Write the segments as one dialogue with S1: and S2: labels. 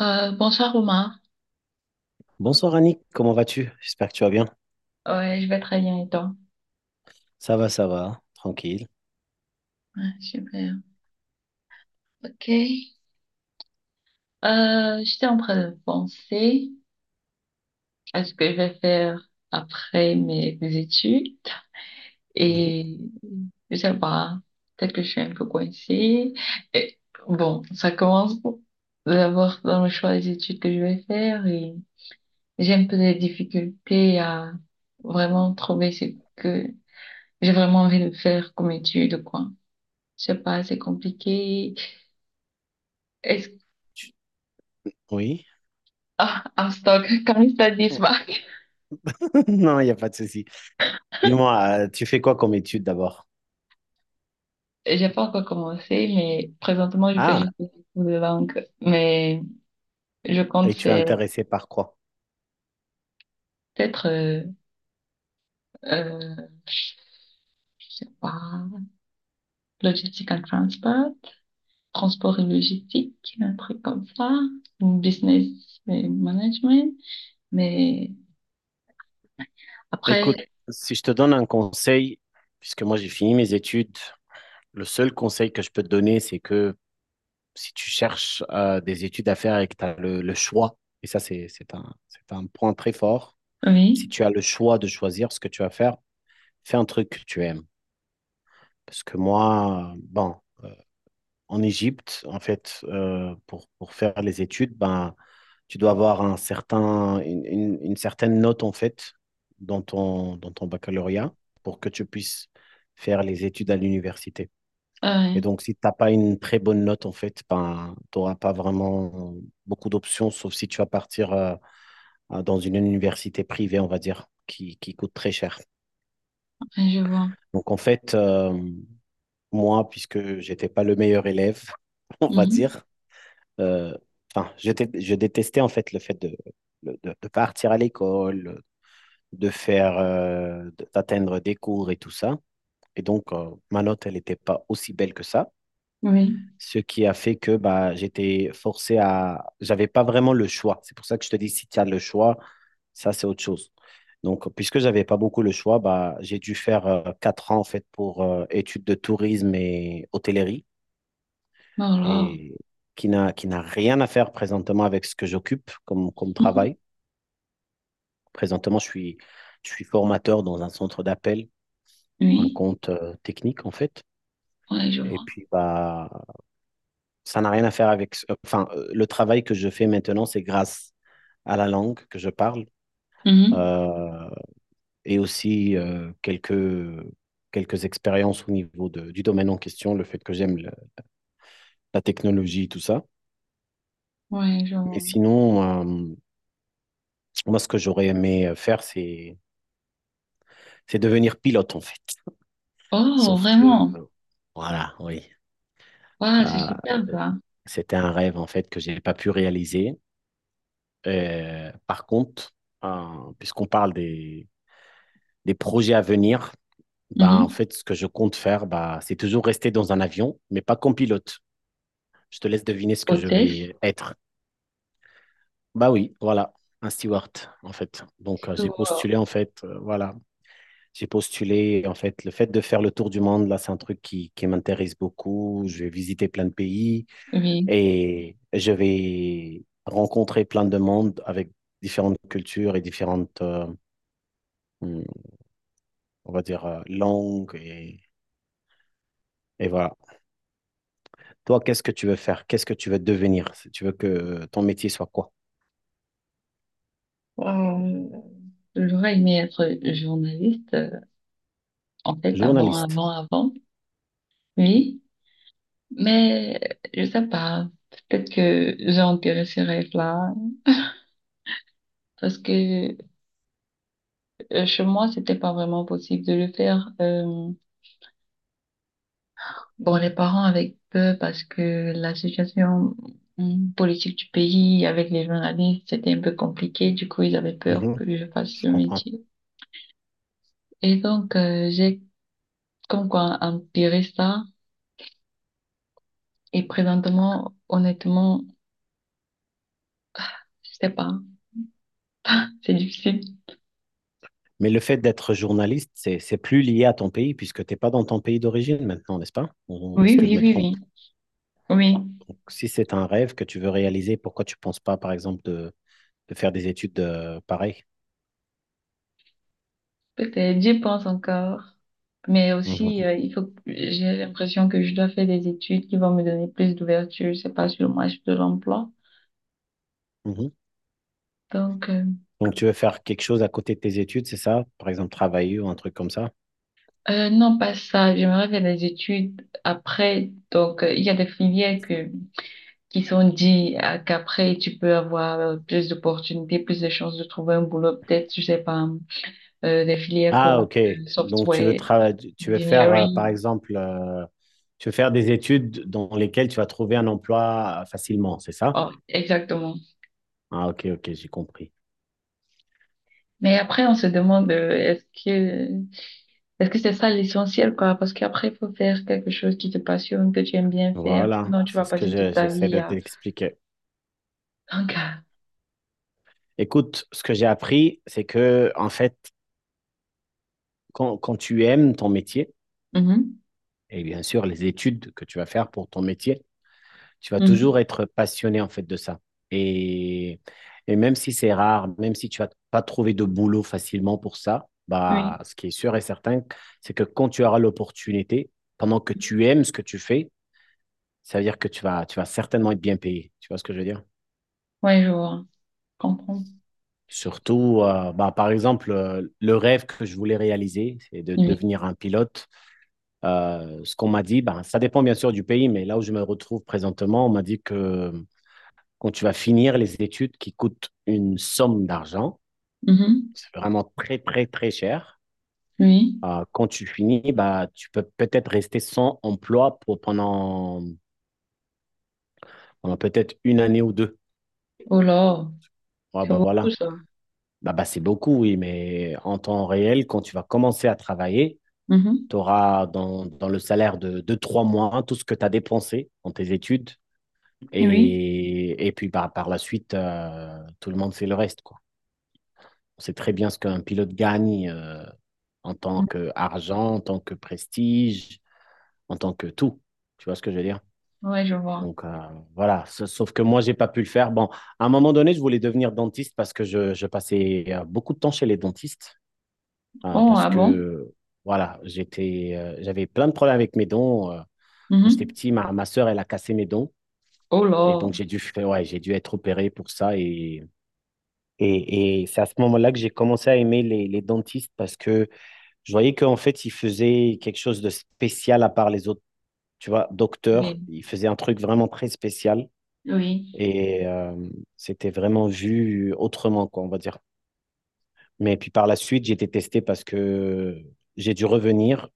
S1: Bonsoir Romain.
S2: Bonsoir Annick, comment vas-tu? J'espère que tu vas bien.
S1: Ouais, je vais très bien et toi?
S2: Ça va, tranquille.
S1: Ouais, super. Ok. J'étais en train de penser à ce que je vais faire après mes études
S2: Mhm.
S1: et je sais pas, peut-être que je suis un peu coincée. Et, bon, ça commence d'abord dans le choix des études que je vais faire et j'ai un peu des difficultés à vraiment trouver ce que j'ai vraiment envie de faire comme étude, quoi. Je sais pas, c'est compliqué. Est-ce
S2: Tu- Oui?
S1: ah, en stock, comme il ça dit,
S2: Non, il n'y a pas de souci. Dis-moi, tu fais quoi comme étude d'abord?
S1: j'ai pas encore commencé, mais présentement, je fais
S2: Ah,
S1: juste des cours de langue. Mais je compte
S2: et tu es
S1: faire
S2: intéressé par quoi?
S1: peut-être, euh, je sais pas, logistique and transport, transport et logistique, un truc comme ça, ou business et management. Mais après,
S2: Écoute, si je te donne un conseil, puisque moi j'ai fini mes études, le seul conseil que je peux te donner, c'est que si tu cherches des études à faire et que tu as le choix, et ça c'est un, c'est un point très fort, si
S1: oui,
S2: tu as le choix de choisir ce que tu vas faire, fais un truc que tu aimes. Parce que moi, en Égypte, en fait, pour faire les études, ben, tu dois avoir un certain, une, une certaine note, en fait, dans ton baccalauréat pour que tu puisses faire les études à l'université.
S1: ah ouais,
S2: Et donc, si tu n'as pas une très bonne note, en fait, ben, tu n'auras pas vraiment beaucoup d'options, sauf si tu vas partir dans une université privée, on va dire, qui coûte très cher.
S1: ouais, je vois.
S2: Donc, en fait, moi, puisque j'étais pas le meilleur élève, on va
S1: Mhm.
S2: dire. Euh, enfin, je détestais en fait le fait de partir à l'école, de faire, d'atteindre des cours et tout ça. Et donc, ma note, elle n'était pas aussi belle que ça.
S1: Oui,
S2: Ce qui a fait que bah, j'étais forcé à... J'avais pas vraiment le choix. C'est pour ça que je te dis, si tu as le choix, ça, c'est autre chose. Donc, puisque j'avais pas beaucoup le choix, bah, j'ai dû faire 4 ans en fait pour études de tourisme et hôtellerie
S1: alors,
S2: et qui n'a rien à faire présentement avec ce que j'occupe comme, comme travail. Présentement, je suis formateur dans un centre d'appel pour un
S1: oui,
S2: compte technique, en fait.
S1: ouais, je
S2: Et
S1: vois.
S2: puis, bah, ça n'a rien à faire avec. Enfin, le travail que je fais maintenant, c'est grâce à la langue que je parle
S1: Mhm.
S2: euh, et aussi quelques expériences au niveau du domaine en question, le fait que la technologie, tout ça.
S1: Ouais, je
S2: Mais
S1: vois.
S2: sinon, moi, ce que j'aurais aimé faire, c'est devenir pilote, en fait.
S1: Oh,
S2: Sauf que,
S1: vraiment?
S2: euh, voilà, oui.
S1: Waouh, c'est
S2: Euh,
S1: super ça.
S2: c'était un rêve, en fait, que j'ai pas pu réaliser. Par contre, puisqu'on parle des projets à venir, bah, en
S1: Mhm.
S2: fait, ce que je compte faire, bah, c'est toujours rester dans un avion, mais pas comme pilote. Je te laisse deviner ce que je
S1: Hôtesse.
S2: vais être. Bah oui, voilà, un steward, en fait. Donc, j'ai
S1: Wow.
S2: postulé, en fait, voilà. J'ai postulé, en fait, le fait de faire le tour du monde, là, c'est un truc qui m'intéresse beaucoup. Je vais visiter plein de pays.
S1: Oui.
S2: Et je vais rencontrer plein de monde avec différentes cultures et différentes, hum, on va dire, langues. Et voilà. Toi, qu'est-ce que tu veux faire? Qu'est-ce que tu veux devenir? Si tu veux que ton métier soit quoi?
S1: Wow. J'aurais aimé être journaliste, en fait, avant,
S2: Journaliste.
S1: avant, avant. Oui. Mais je sais pas. Peut-être que j'ai enterré ce rêve-là. Parce que chez moi, c'était pas vraiment possible de le faire. Bon, les parents avec peu parce que la situation politique du pays avec les journalistes, c'était un peu compliqué. Du coup, ils avaient peur
S2: Mhm,
S1: que je fasse
S2: je
S1: ce
S2: comprends.
S1: métier. Et donc, j'ai comme quoi empiré ça. Et présentement, honnêtement, je sais pas. C'est difficile.
S2: Mais le fait d'être journaliste, c'est plus lié à ton pays puisque tu n'es pas dans ton pays d'origine maintenant, n'est-ce pas? Ou
S1: Oui,
S2: est-ce que je
S1: oui,
S2: me
S1: oui,
S2: trompe?
S1: oui. Oui,
S2: Donc, si c'est un rêve que tu veux réaliser, pourquoi tu ne penses pas, par exemple, de faire des études pareilles?
S1: peut-être. J'y pense encore. Mais
S2: Mhm,
S1: aussi, il faut, que- j'ai l'impression que je dois faire des études qui vont me donner plus d'ouverture, je sais pas, sur le marché de l'emploi.
S2: mhm.
S1: Donc,
S2: Donc, tu veux faire quelque chose à côté de tes études, c'est ça? Par exemple, travailler ou un truc comme ça?
S1: non, pas ça. J'aimerais faire des études après. Donc, il y a des filières que qui sont dit qu'après, tu peux avoir plus d'opportunités, plus de chances de trouver un boulot, peut-être, je sais pas, des filières
S2: Ah,
S1: comme
S2: ok. Donc,
S1: software,
S2: tu veux faire, par
S1: engineering.
S2: exemple, tu veux faire des études dans lesquelles tu vas trouver un emploi facilement, c'est ça?
S1: Oh, exactement.
S2: Ah, ok, ok, j'ai compris.
S1: Mais après, on se demande, est-ce que c'est ça l'essentiel, quoi? Parce qu'après, il faut faire quelque chose qui te passionne, que tu aimes bien faire.
S2: Voilà,
S1: Sinon, tu
S2: c'est
S1: vas
S2: ce que
S1: passer toute ta
S2: j'essaie
S1: vie
S2: de
S1: à...
S2: t'expliquer.
S1: Donc,
S2: Écoute, ce que j'ai appris, c'est que, en fait, quand tu aimes ton métier,
S1: mhm,
S2: et bien sûr, les études que tu vas faire pour ton métier, tu vas toujours
S1: mhm,
S2: être passionné en fait de ça. Et, et même si c'est rare, même si tu vas pas trouver de boulot facilement pour ça, bah,
S1: oui.
S2: ce qui est sûr et certain, c'est que quand tu auras l'opportunité, pendant que tu aimes ce que tu fais, ça veut dire que tu vas certainement être bien payé. Tu vois ce que je veux dire?
S1: Ouais, je vois. Je comprends.
S2: Surtout, bah, par exemple, le rêve que je voulais réaliser, c'est de
S1: Oui.
S2: devenir un pilote. Ce qu'on m'a dit, bah, ça dépend bien sûr du pays, mais là où je me retrouve présentement, on m'a dit que quand tu vas finir les études qui coûtent une somme d'argent,
S1: Mhm,
S2: c'est vraiment très, très, très cher.
S1: oui.
S2: Quand tu finis, bah, tu peux peut-être rester sans emploi pour pendant, pendant peut-être une année ou deux.
S1: Oh là,
S2: Ah
S1: c'est
S2: bah
S1: beaucoup
S2: voilà.
S1: ça.
S2: Bah, bah, c'est beaucoup, oui, mais en temps réel, quand tu vas commencer à travailler,
S1: Mhm,
S2: tu auras dans, dans le salaire de 3 mois tout ce que tu as dépensé dans tes études.
S1: oui.
S2: Et puis bah, par la suite, tout le monde sait le reste, quoi. On sait très bien ce qu'un pilote gagne en tant
S1: Mhm.
S2: qu'argent, en tant que prestige, en tant que tout. Tu vois ce que je veux dire?
S1: Ouais, je vois.
S2: Donc voilà, sauf que moi, j'ai pas pu le faire. Bon, à un moment donné, je voulais devenir dentiste parce que je passais beaucoup de temps chez les dentistes,
S1: Oh,
S2: parce
S1: ah bon?
S2: que voilà, j'étais, j'avais plein de problèmes avec mes dents. Quand j'étais
S1: Mhm.
S2: petit, ma sœur, elle a cassé mes dents.
S1: Oh
S2: Et donc,
S1: là.
S2: ouais, j'ai dû être opéré pour ça. Et c'est à ce moment-là que j'ai commencé à aimer les dentistes parce que je voyais qu'en fait, ils faisaient quelque chose de spécial à part les autres tu vois, docteur.
S1: Oui,
S2: Il faisait un truc vraiment très spécial
S1: oui.
S2: et c'était vraiment vu autrement, quoi, on va dire. Mais puis par la suite, j'ai été testé parce que j'ai dû revenir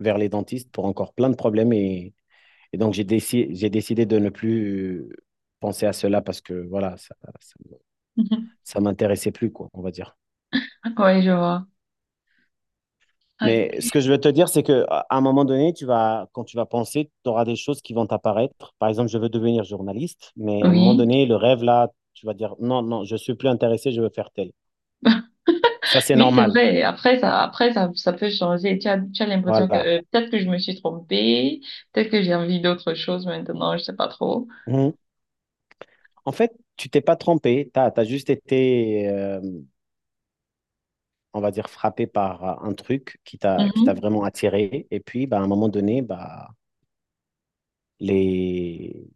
S2: vers les dentistes pour encore plein de problèmes et donc j'ai décidé de ne plus penser à cela parce que voilà, ça, ça, ça m'intéressait plus, quoi, on va dire.
S1: Mhm. Ouais, je vois. Ah,
S2: Mais ce que je veux te dire, c'est que à un moment donné, quand tu vas penser, tu auras des choses qui vont t'apparaître. Par exemple, je veux devenir journaliste, mais à un moment
S1: oui.
S2: donné, le rêve là, tu vas dire non, non, je suis plus intéressé, je veux faire tel. Ça, c'est
S1: Oui, c'est
S2: normal.
S1: vrai. Après, ça, ça peut changer. Tu as l'impression que
S2: Voilà.
S1: peut-être que je me suis trompée, peut-être que j'ai envie d'autre chose maintenant, je sais pas trop.
S2: Mhm. En fait, tu t'es pas trompé, tu as, juste été, on va dire, frappé par un truc qui t'a
S1: Mhm.
S2: vraiment attiré. Et puis, bah, à un moment donné, bah, les,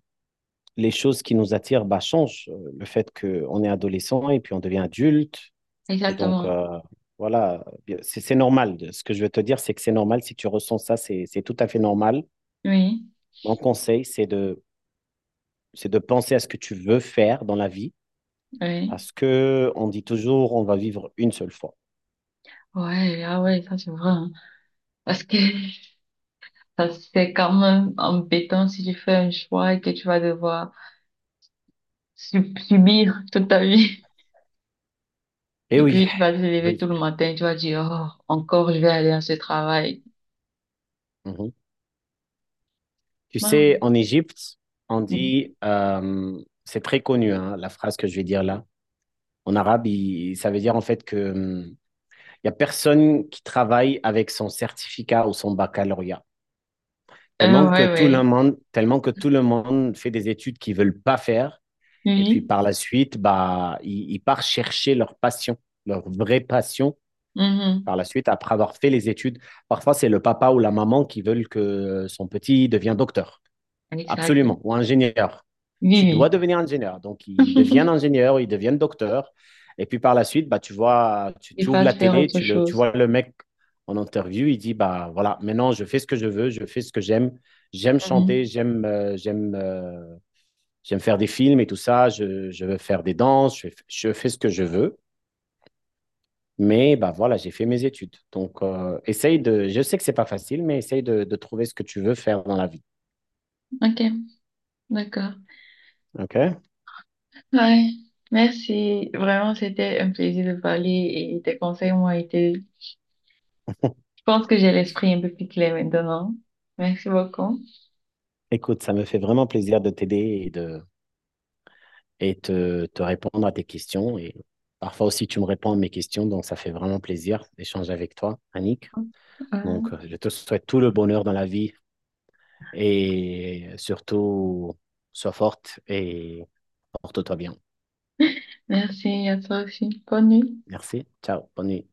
S2: les choses qui nous attirent bah, changent. Le fait qu'on est adolescent et puis on devient adulte. Et donc,
S1: Exactement.
S2: voilà, c'est normal. Ce que je veux te dire, c'est que c'est normal. Si tu ressens ça, c'est tout à fait normal.
S1: Oui,
S2: Mon conseil, c'est de penser à ce que tu veux faire dans la vie,
S1: oui.
S2: parce que on dit toujours, on va vivre une seule fois.
S1: Ouais, ah ouais, ça c'est vrai, hein. Parce que ça c'est quand même embêtant si tu fais un choix et que tu vas devoir subir toute ta vie.
S2: Eh
S1: Et
S2: oui,
S1: puis, tu vas te lever tout
S2: oui.
S1: le matin, tu vas dire, oh, encore, je vais aller à ce travail.
S2: Mhm. Tu
S1: Bah,
S2: sais, en Égypte, on
S1: oui.
S2: dit, c'est très connu, hein, la phrase que je vais dire là. En arabe, ça veut dire en fait que, il y a personne qui travaille avec son certificat ou son baccalauréat.
S1: Ouais, ouais.
S2: Tellement que tout le monde fait des études qu'ils ne veulent pas faire. Et puis
S1: Oui,
S2: par la suite, bah, ils partent chercher leur passion, leur vraie passion.
S1: mhm.
S2: Par la suite, après avoir fait les études, parfois c'est le papa ou la maman qui veulent que son petit devienne docteur.
S1: Exactement.
S2: Absolument. Ou ingénieur. Tu dois
S1: Oui,
S2: devenir ingénieur. Donc, ils deviennent
S1: oui.
S2: ingénieurs, ils deviennent docteurs. Et puis par la suite, bah, tu vois, tu,
S1: Il
S2: tu ouvres
S1: passe
S2: la
S1: faire
S2: télé,
S1: autre
S2: tu, le, tu
S1: chose.
S2: vois le mec en interview, il dit, bah voilà, maintenant je fais ce que je veux, je fais ce que j'aime, j'aime chanter,
S1: Mhm.
S2: j'aime faire des films et tout ça, je veux faire des danses, je fais ce que je veux. Mais bah voilà, j'ai fait mes études. Donc, essaye de. Je sais que c'est pas facile, mais essaye de trouver ce que tu veux faire dans la vie.
S1: Ok, d'accord.
S2: OK?
S1: Ouais, merci. Vraiment, c'était un plaisir de parler et tes conseils m'ont été... Je pense que j'ai l'esprit un peu plus clair maintenant. Merci beaucoup.
S2: Écoute, ça me fait vraiment plaisir de t'aider et de te, te répondre à tes questions. Et parfois aussi, tu me réponds à mes questions, donc ça fait vraiment plaisir d'échanger avec toi, Annick.
S1: Voilà.
S2: Donc, je te souhaite tout le bonheur dans la vie et surtout, sois forte et porte-toi bien.
S1: Merci à toi aussi. Bonne nuit.
S2: Merci. Ciao. Bonne nuit.